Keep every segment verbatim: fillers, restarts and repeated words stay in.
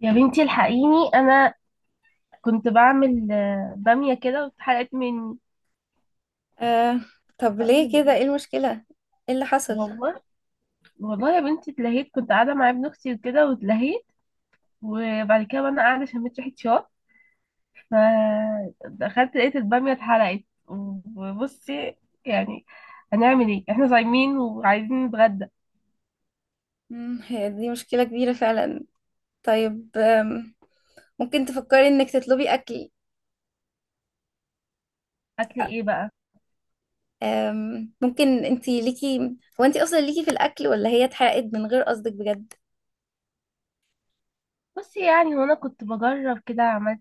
يا بنتي الحقيني انا كنت بعمل آه، باميه كده واتحرقت مني. آه. طب ليه اعمل كده؟ ايه؟ ايه المشكلة؟ ايه اللي حصل؟ والله، والله يا بنتي اتلهيت، كنت قاعده مع ابن اختي وكده واتلهيت. وبعد كده وانا قاعده شميت ريحه شوك، فدخلت لقيت الباميه اتحرقت. وبصي، يعني هنعمل ايه؟ احنا صايمين وعايزين نتغدى. مم، هي دي مشكلة كبيرة فعلا. طيب. آم، ممكن تفكري انك تطلبي اكل. اكل ايه بقى؟ آم، ممكن انتي ليكي. هو انتي اصلا ليكي في الاكل، ولا هي اتحرقت من غير قصدك بجد؟ بصي، يعني وانا كنت بجرب كده عملت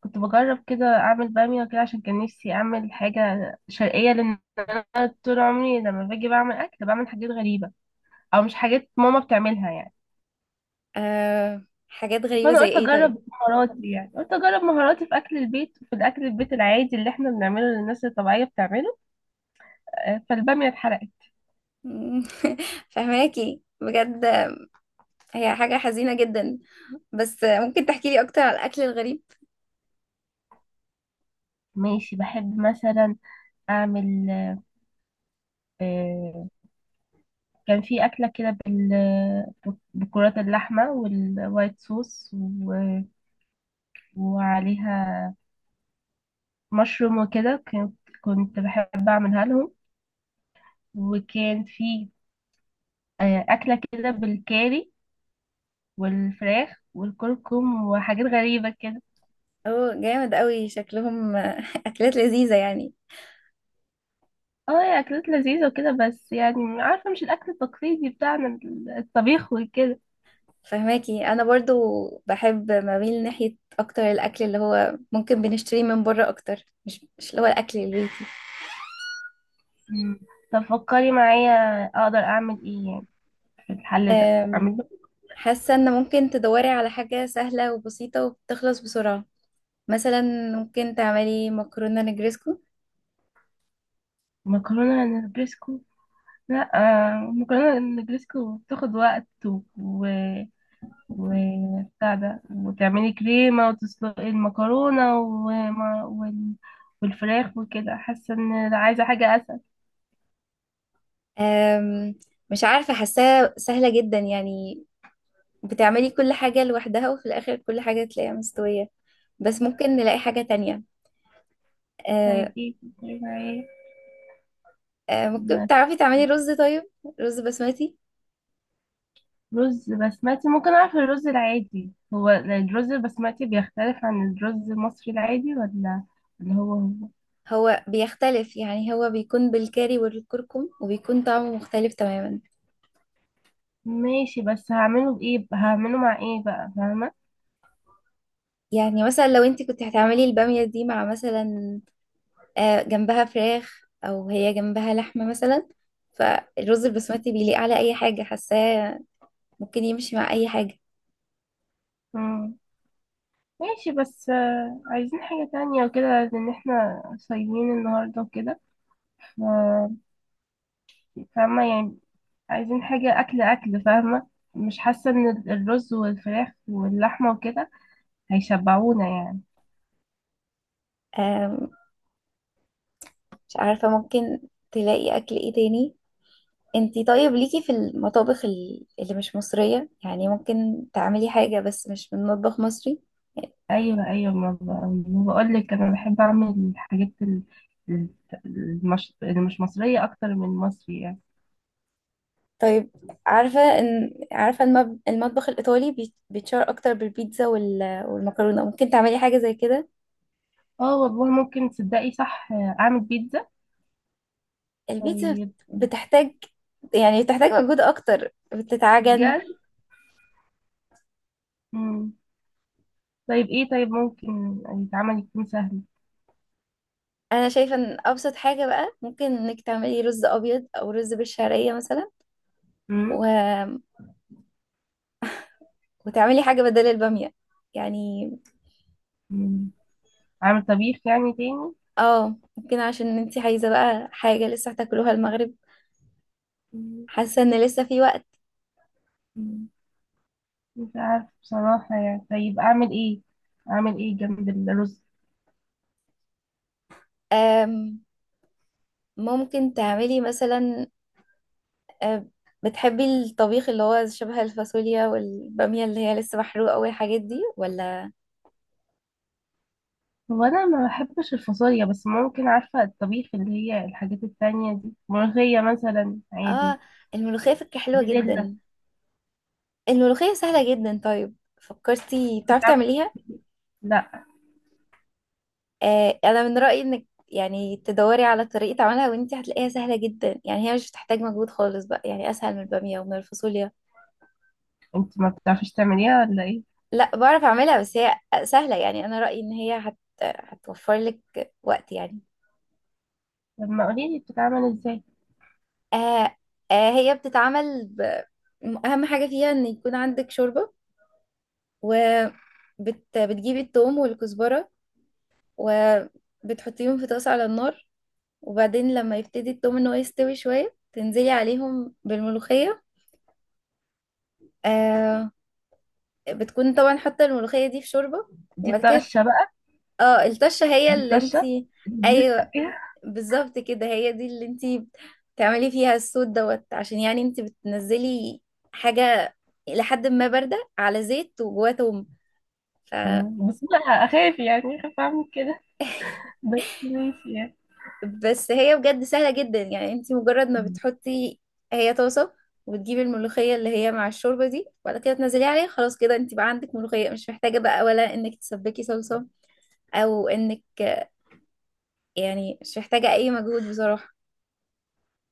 كنت بجرب كده اعمل باميه كده عشان كان نفسي اعمل حاجه شرقيه، لان انا طول عمري لما باجي بعمل اكل بعمل حاجات غريبه، او مش حاجات ماما بتعملها يعني. آه، حاجات غريبة فانا زي قلت ايه طيب؟ اجرب مهاراتي، يعني قلت اجرب مهاراتي في اكل البيت وفي الاكل البيت العادي اللي احنا بنعمله اللي الناس الطبيعيه بتعمله. آه، فالباميه اتحرقت. مم، فهماكي بجد. هي حاجة حزينة جدا. بس آه، ممكن تحكي لي اكتر على الاكل الغريب. ماشي، بحب مثلا اعمل. آه، كان في اكله كده بال- بكرات اللحمه والوايت صوص و- وعليها مشروم وكده، كنت كنت بحب اعملها لهم. وكان في آه، اكله كده بالكاري والفراخ والكركم وحاجات غريبه كده. اوه جامد قوي شكلهم، آه، اكلات لذيذة يعني. اه، هي اكلات لذيذه وكده، بس يعني عارفه مش الاكل التقليدي بتاعنا، ال- الطبيخ وكده. فهماكي انا برضو، بحب بميل ناحية اكتر الاكل اللي هو ممكن بنشتريه من بره اكتر، مش مش اللي هو الاكل البيتي. مم. طب فكري معايا اقدر اعمل ايه يعني في الحل ده، أم، اعمل له حاسة ان ممكن تدوري على حاجة سهلة وبسيطة وبتخلص بسرعة، مثلا ممكن تعملي مكرونة نجريسكو. مكرونه نجريسكو؟ لا، آه، مكرونه نجريسكو بتاخد وقت و... وبتاع ده، وتعملي كريمة وتسلقي المكرونة وما وال... والفراخ وكده، حاسة ان عايزة حاجة أسهل. أم، مش عارفة حاساها سهلة جدا يعني. بتعملي كل حاجة لوحدها وفي الاخر كل حاجة تلاقيها مستوية، بس ممكن نلاقي حاجة تانية. أه، طيب ايه في الكريمة ايه؟ أه، ممكن تعرفي تعملي رز طيب، رز بسمتي. رز بسمتي. ممكن أعرف الرز العادي هو الرز البسمتي بيختلف عن الرز المصري العادي ولا اللي هو هو؟ هو بيختلف يعني، هو بيكون بالكاري والكركم وبيكون طعمه مختلف تماما. ماشي، بس هعمله بإيه؟ هعمله مع ايه بقى؟ فاهمة؟ يعني مثلا لو انت كنت هتعملي البامية دي مع مثلا، آه، جنبها فراخ او هي جنبها لحمة مثلا. فالرز البسمتي بيليق على اي حاجة حاساه، ممكن يمشي مع اي حاجة. مم. ماشي، بس آه، عايزين حاجة تانية وكده لأن احنا صايمين النهاردة وكده، فاهمة يعني؟ عايزين حاجة أكل أكل، فاهمة؟ مش حاسة إن ال- الرز والفراخ واللحمة وكده هيشبعونا يعني. آم، مش عارفة، ممكن تلاقي اكل ايه تاني. انتي طيب ليكي في المطابخ ال- اللي مش مصرية، يعني ممكن تعملي حاجة بس مش من مطبخ مصري. أيوة، أيوة، ما ب- ما بقولك، أنا بحب أعمل الحاجات ال- ال- المش... اللي مش مصرية أكتر من مصري يعني. طيب. عارفة ان عارفة المب... المطبخ الإيطالي بيت- بيتشهر أكتر بالبيتزا وال... والمكرونة، ممكن تعملي حاجة زي كده. اه والله، ممكن تصدقي؟ صح، أعمل بيتزا. البيتزا بت- طيب. بتحتاج، يعني بتحتاج مجهود أكتر، بتتعجن. بجد؟ مم. طيب إيه؟ طيب ممكن يتعمل يكون سهل؟ أنا شايفة إن أبسط حاجة بقى ممكن إنك تعملي رز أبيض أو رز بالشعرية مثلا مم. و... وتعملي حاجة بدل البامية يعني. مم. أعمل طبيخ يعني تاني؟ اه، ممكن عشان انتي عايزة بقى حاجة لسه هتاكلوها المغرب، حاسة ان لسه في وقت. مم. مش عارف بصراحة يعني. طيب أعمل إيه؟ أعمل إيه جنب الرز؟ أم... ممكن تعملي مثلا، آه، بتحبي الطبيخ اللي هو شبه الفاصوليا والبامية اللي هي لسه محروقة والحاجات دي، ولا؟ هو أنا ما بحبش الفاصوليا، بس ممكن، عارفة الطبيخ اللي هي الحاجات التانية دي، ملوخية مثلا عادي. اه، الملوخية فكرة حلوة بزلة. جدا. الملوخية سهلة جدا طيب، فكرتي بتعرفي بتتعب- تعمليها؟ لا. آه انا من رأيي انك يعني تدوري على طريقة عملها، وانتي هتلاقيها سهلة جدا يعني، هي مش بتحتاج مجهود خالص بقى يعني، اسهل من البامية ومن الفاصوليا. أنت ما بتعرفيش تعمليها ولا إيه؟ لا، بعرف اعملها بس هي سهلة يعني، انا رأيي ان هي هت... هتوفر لك وقت يعني. طب ما قوليلي بتتعمل إزاي؟ آه آه هي بتتعمل ب... أهم حاجة فيها إن يكون عندك شوربة. وبتجيبي التوم والكزبرة، وبتحطيهم في طاسة على النار، وبعدين لما يبتدي التوم إن هو يستوي شوية تنزلي عليهم بالملوخية. آه بتكون طبعا حاطة الملوخية دي في شوربة. دي وبعد كده، الطشة بقى؟ اه، الطشة هي دي اللي الطشة انتي. اللي أي، بنسقى فيها. بالظبط كده، هي دي اللي انتي بتعملي فيها الصوت دوت، عشان يعني انتي بتنزلي حاجة لحد ما باردة على زيت وجواه توم. ف... مم. بس أنا أخاف، يعني أخاف أعمل كده، بس ماشي يعني. بس هي بجد سهلة جدا يعني. انتي مجرد ما بتحطي، هي طاسة، وتجيبي الملوخية اللي هي مع الشوربة دي، وبعد كده تنزلي عليها، خلاص كده انتي بقى عندك ملوخية، مش محتاجة بقى ولا انك تسبكي صلصة او انك، يعني مش محتاجة اي مجهود بصراحة.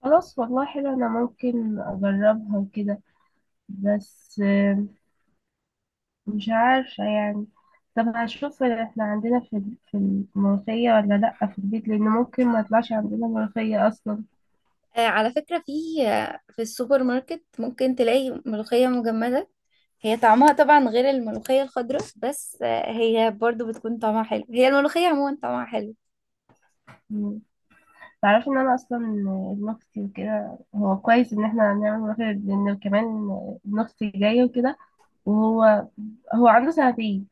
خلاص، والله حلو، أنا ممكن أجربها وكده، بس مش عارفة يعني. طب هشوف احنا عندنا في ال- في الملوخية ولا لأ في البيت، لأن ممكن ما يطلعش عندنا ملوخية أصلا. آه، على فكرة في، آه، في السوبر ماركت ممكن تلاقي ملوخية مجمدة. هي طعمها طبعا غير الملوخية الخضراء، بس آه، هي برضو بتكون طعمها حلو، هي الملوخية عموما طعمها حلو. مم. تعرفي إن أنا أصلا ابن أختي وكده، هو كويس إن احنا هنعمل ملوخية لأن كمان ابن أختي جاي وكده. وهو هو عنده سنتين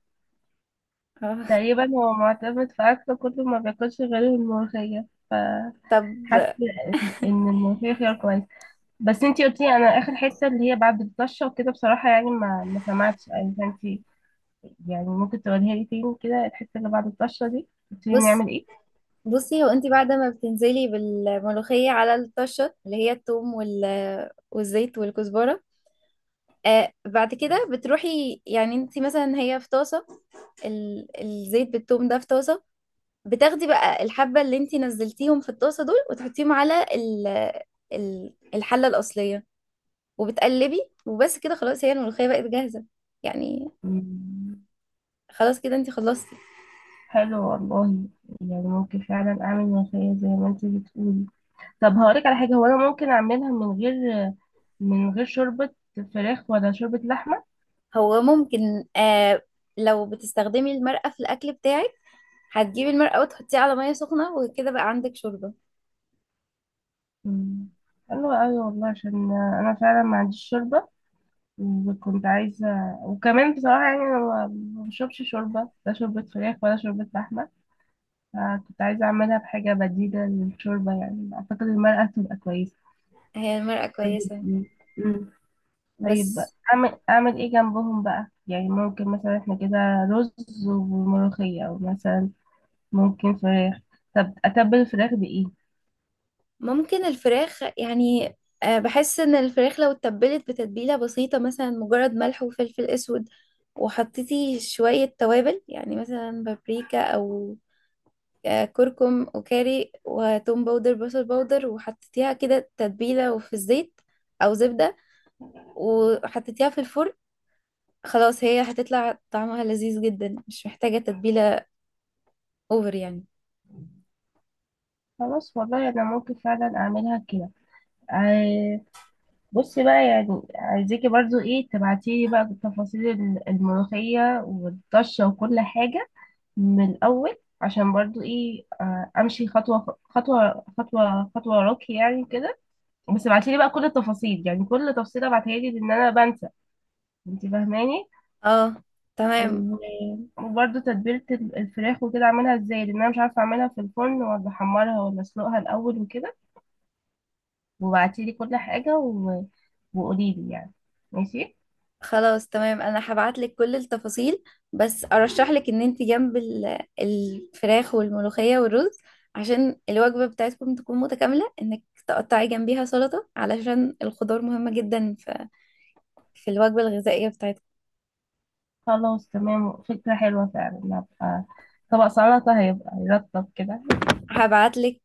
آه، تقريبا، هو معتمد في أكله كله، ما بياكلش غير الملوخية، فحاسة طب إن الملوخية خيار كويس. بس انتي قلتي، انا اخر حته اللي هي بعد الطشه وكده بصراحه يعني ما ما سمعتش يعني. فانتي يعني ممكن تقولها لي تاني كده، الحتة اللي بعد الطشة دي، قلت لي بص نعمل ايه؟ بصي، هو انت بعد ما بتنزلي بالملوخية على الطشة اللي هي الثوم وال... والزيت والكزبرة، آه بعد كده بتروحي يعني، انت مثلا هي في طاسة، ال... الزيت بالثوم ده في طاسة، بتاخدي بقى الحبة اللي انت نزلتيهم في الطاسة دول، وتحطيهم على ال... ال... الحلة الأصلية، وبتقلبي، وبس كده خلاص هي الملوخية بقت جاهزة يعني. مم. خلاص كده انتي خلصتي. حلو والله، يعني ممكن فعلا اعمل ملوخية زي ما انت بتقولي. طب هقولك على حاجة، هو انا ممكن اعملها من غير من غير شوربة فراخ ولا شوربة لحمة؟ هو ممكن، آه لو بتستخدمي المرقة في الأكل بتاعك، هتجيبي المرقة وتحطيها على مية سخنة وكده بقى عندك شوربة. مم. حلو قوي والله، عشان انا فعلا ما عنديش شوربة وكنت عايزة. وكمان بصراحة يعني انا ما ما بشربش شوربة، لا شوربة فراخ ولا شوربة لحمة، فكنت عايزة اعملها بحاجة بديلة للشوربة. يعني اعتقد المرقة تبقى كويسة. هي المرقة طيب. كويسة. مم. طيب بقى، بس اعمل اعمل ايه جنبهم بقى؟ يعني ممكن مثلا احنا كده رز وملوخية، او مثلا ممكن فراخ. طب اتبل الفراخ بايه؟ ممكن الفراخ يعني، آه بحس ان الفراخ لو اتبلت بتتبيلة بسيطة، مثلا مجرد ملح وفلفل اسود، وحطيتي شوية توابل يعني مثلا بابريكا، أو آه، كركم وكاري وتوم باودر بصل باودر، وحطيتيها كده تتبيلة وفي الزيت أو زبدة، وحطيتيها في الفرن، خلاص هي هتطلع طعمها لذيذ جدا مش محتاجة تتبيلة اوفر يعني. خلاص والله، انا ممكن فعلا اعملها كده. ع- بصي بقى، يعني عايزاكي برضو ايه تبعتيلي بقى تفاصيل ال- الملوخية والطشة وكل حاجة من الاول، عشان برضو ايه آه، امشي خطوة خطوة خطوة خطوة وراكي يعني كده. بس ابعتي لي بقى كل التفاصيل، يعني كل تفصيلة ابعتها لي، لان انا بنسى، انت فاهماني. اه، تمام. و- وبرده تتبيلة ال- الفراخ وكده اعملها ازاي، لان انا مش عارفة اعملها في الفرن ولا احمرها ولا اسلقها الاول وكده. وابعتي لي كل حاجة و... وقولي لي يعني. ماشي. خلاص تمام، انا هبعتلك كل التفاصيل. بس ارشحلك ان انت جنب ال- الفراخ والملوخية والرز، عشان الوجبة بتاعتكم تكون متكاملة، انك تقطعي جنبيها سلطة، علشان الخضار مهمة جدا في في الوجبة الغذائية بتاعتكم. خلاص تمام، فكرة حلوة فعلا. هبقى طبق سلطة، هيبقى يرطب كده. هبعتلك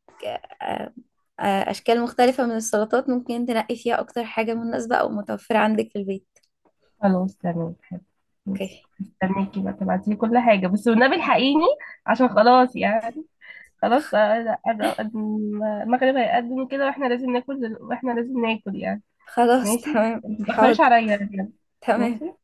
آه، آه، أشكال مختلفة من السلطات، ممكن تنقي فيها أكتر حاجة مناسبة أو متوفرة عندك في البيت. خلاص تمام حلو. ماشي، أوكي. استنيكي بقى تبعتي لي كل حاجة بس، والنبي الحقيني، عشان خلاص يعني، خلاص. آه، قدم- المغرب هيقدم كده، واحنا لازم ناكل دل- واحنا لازم ناكل يعني. خلاص ماشي، تمام متتأخريش حاضر. عليا يعني. تمام. ماشي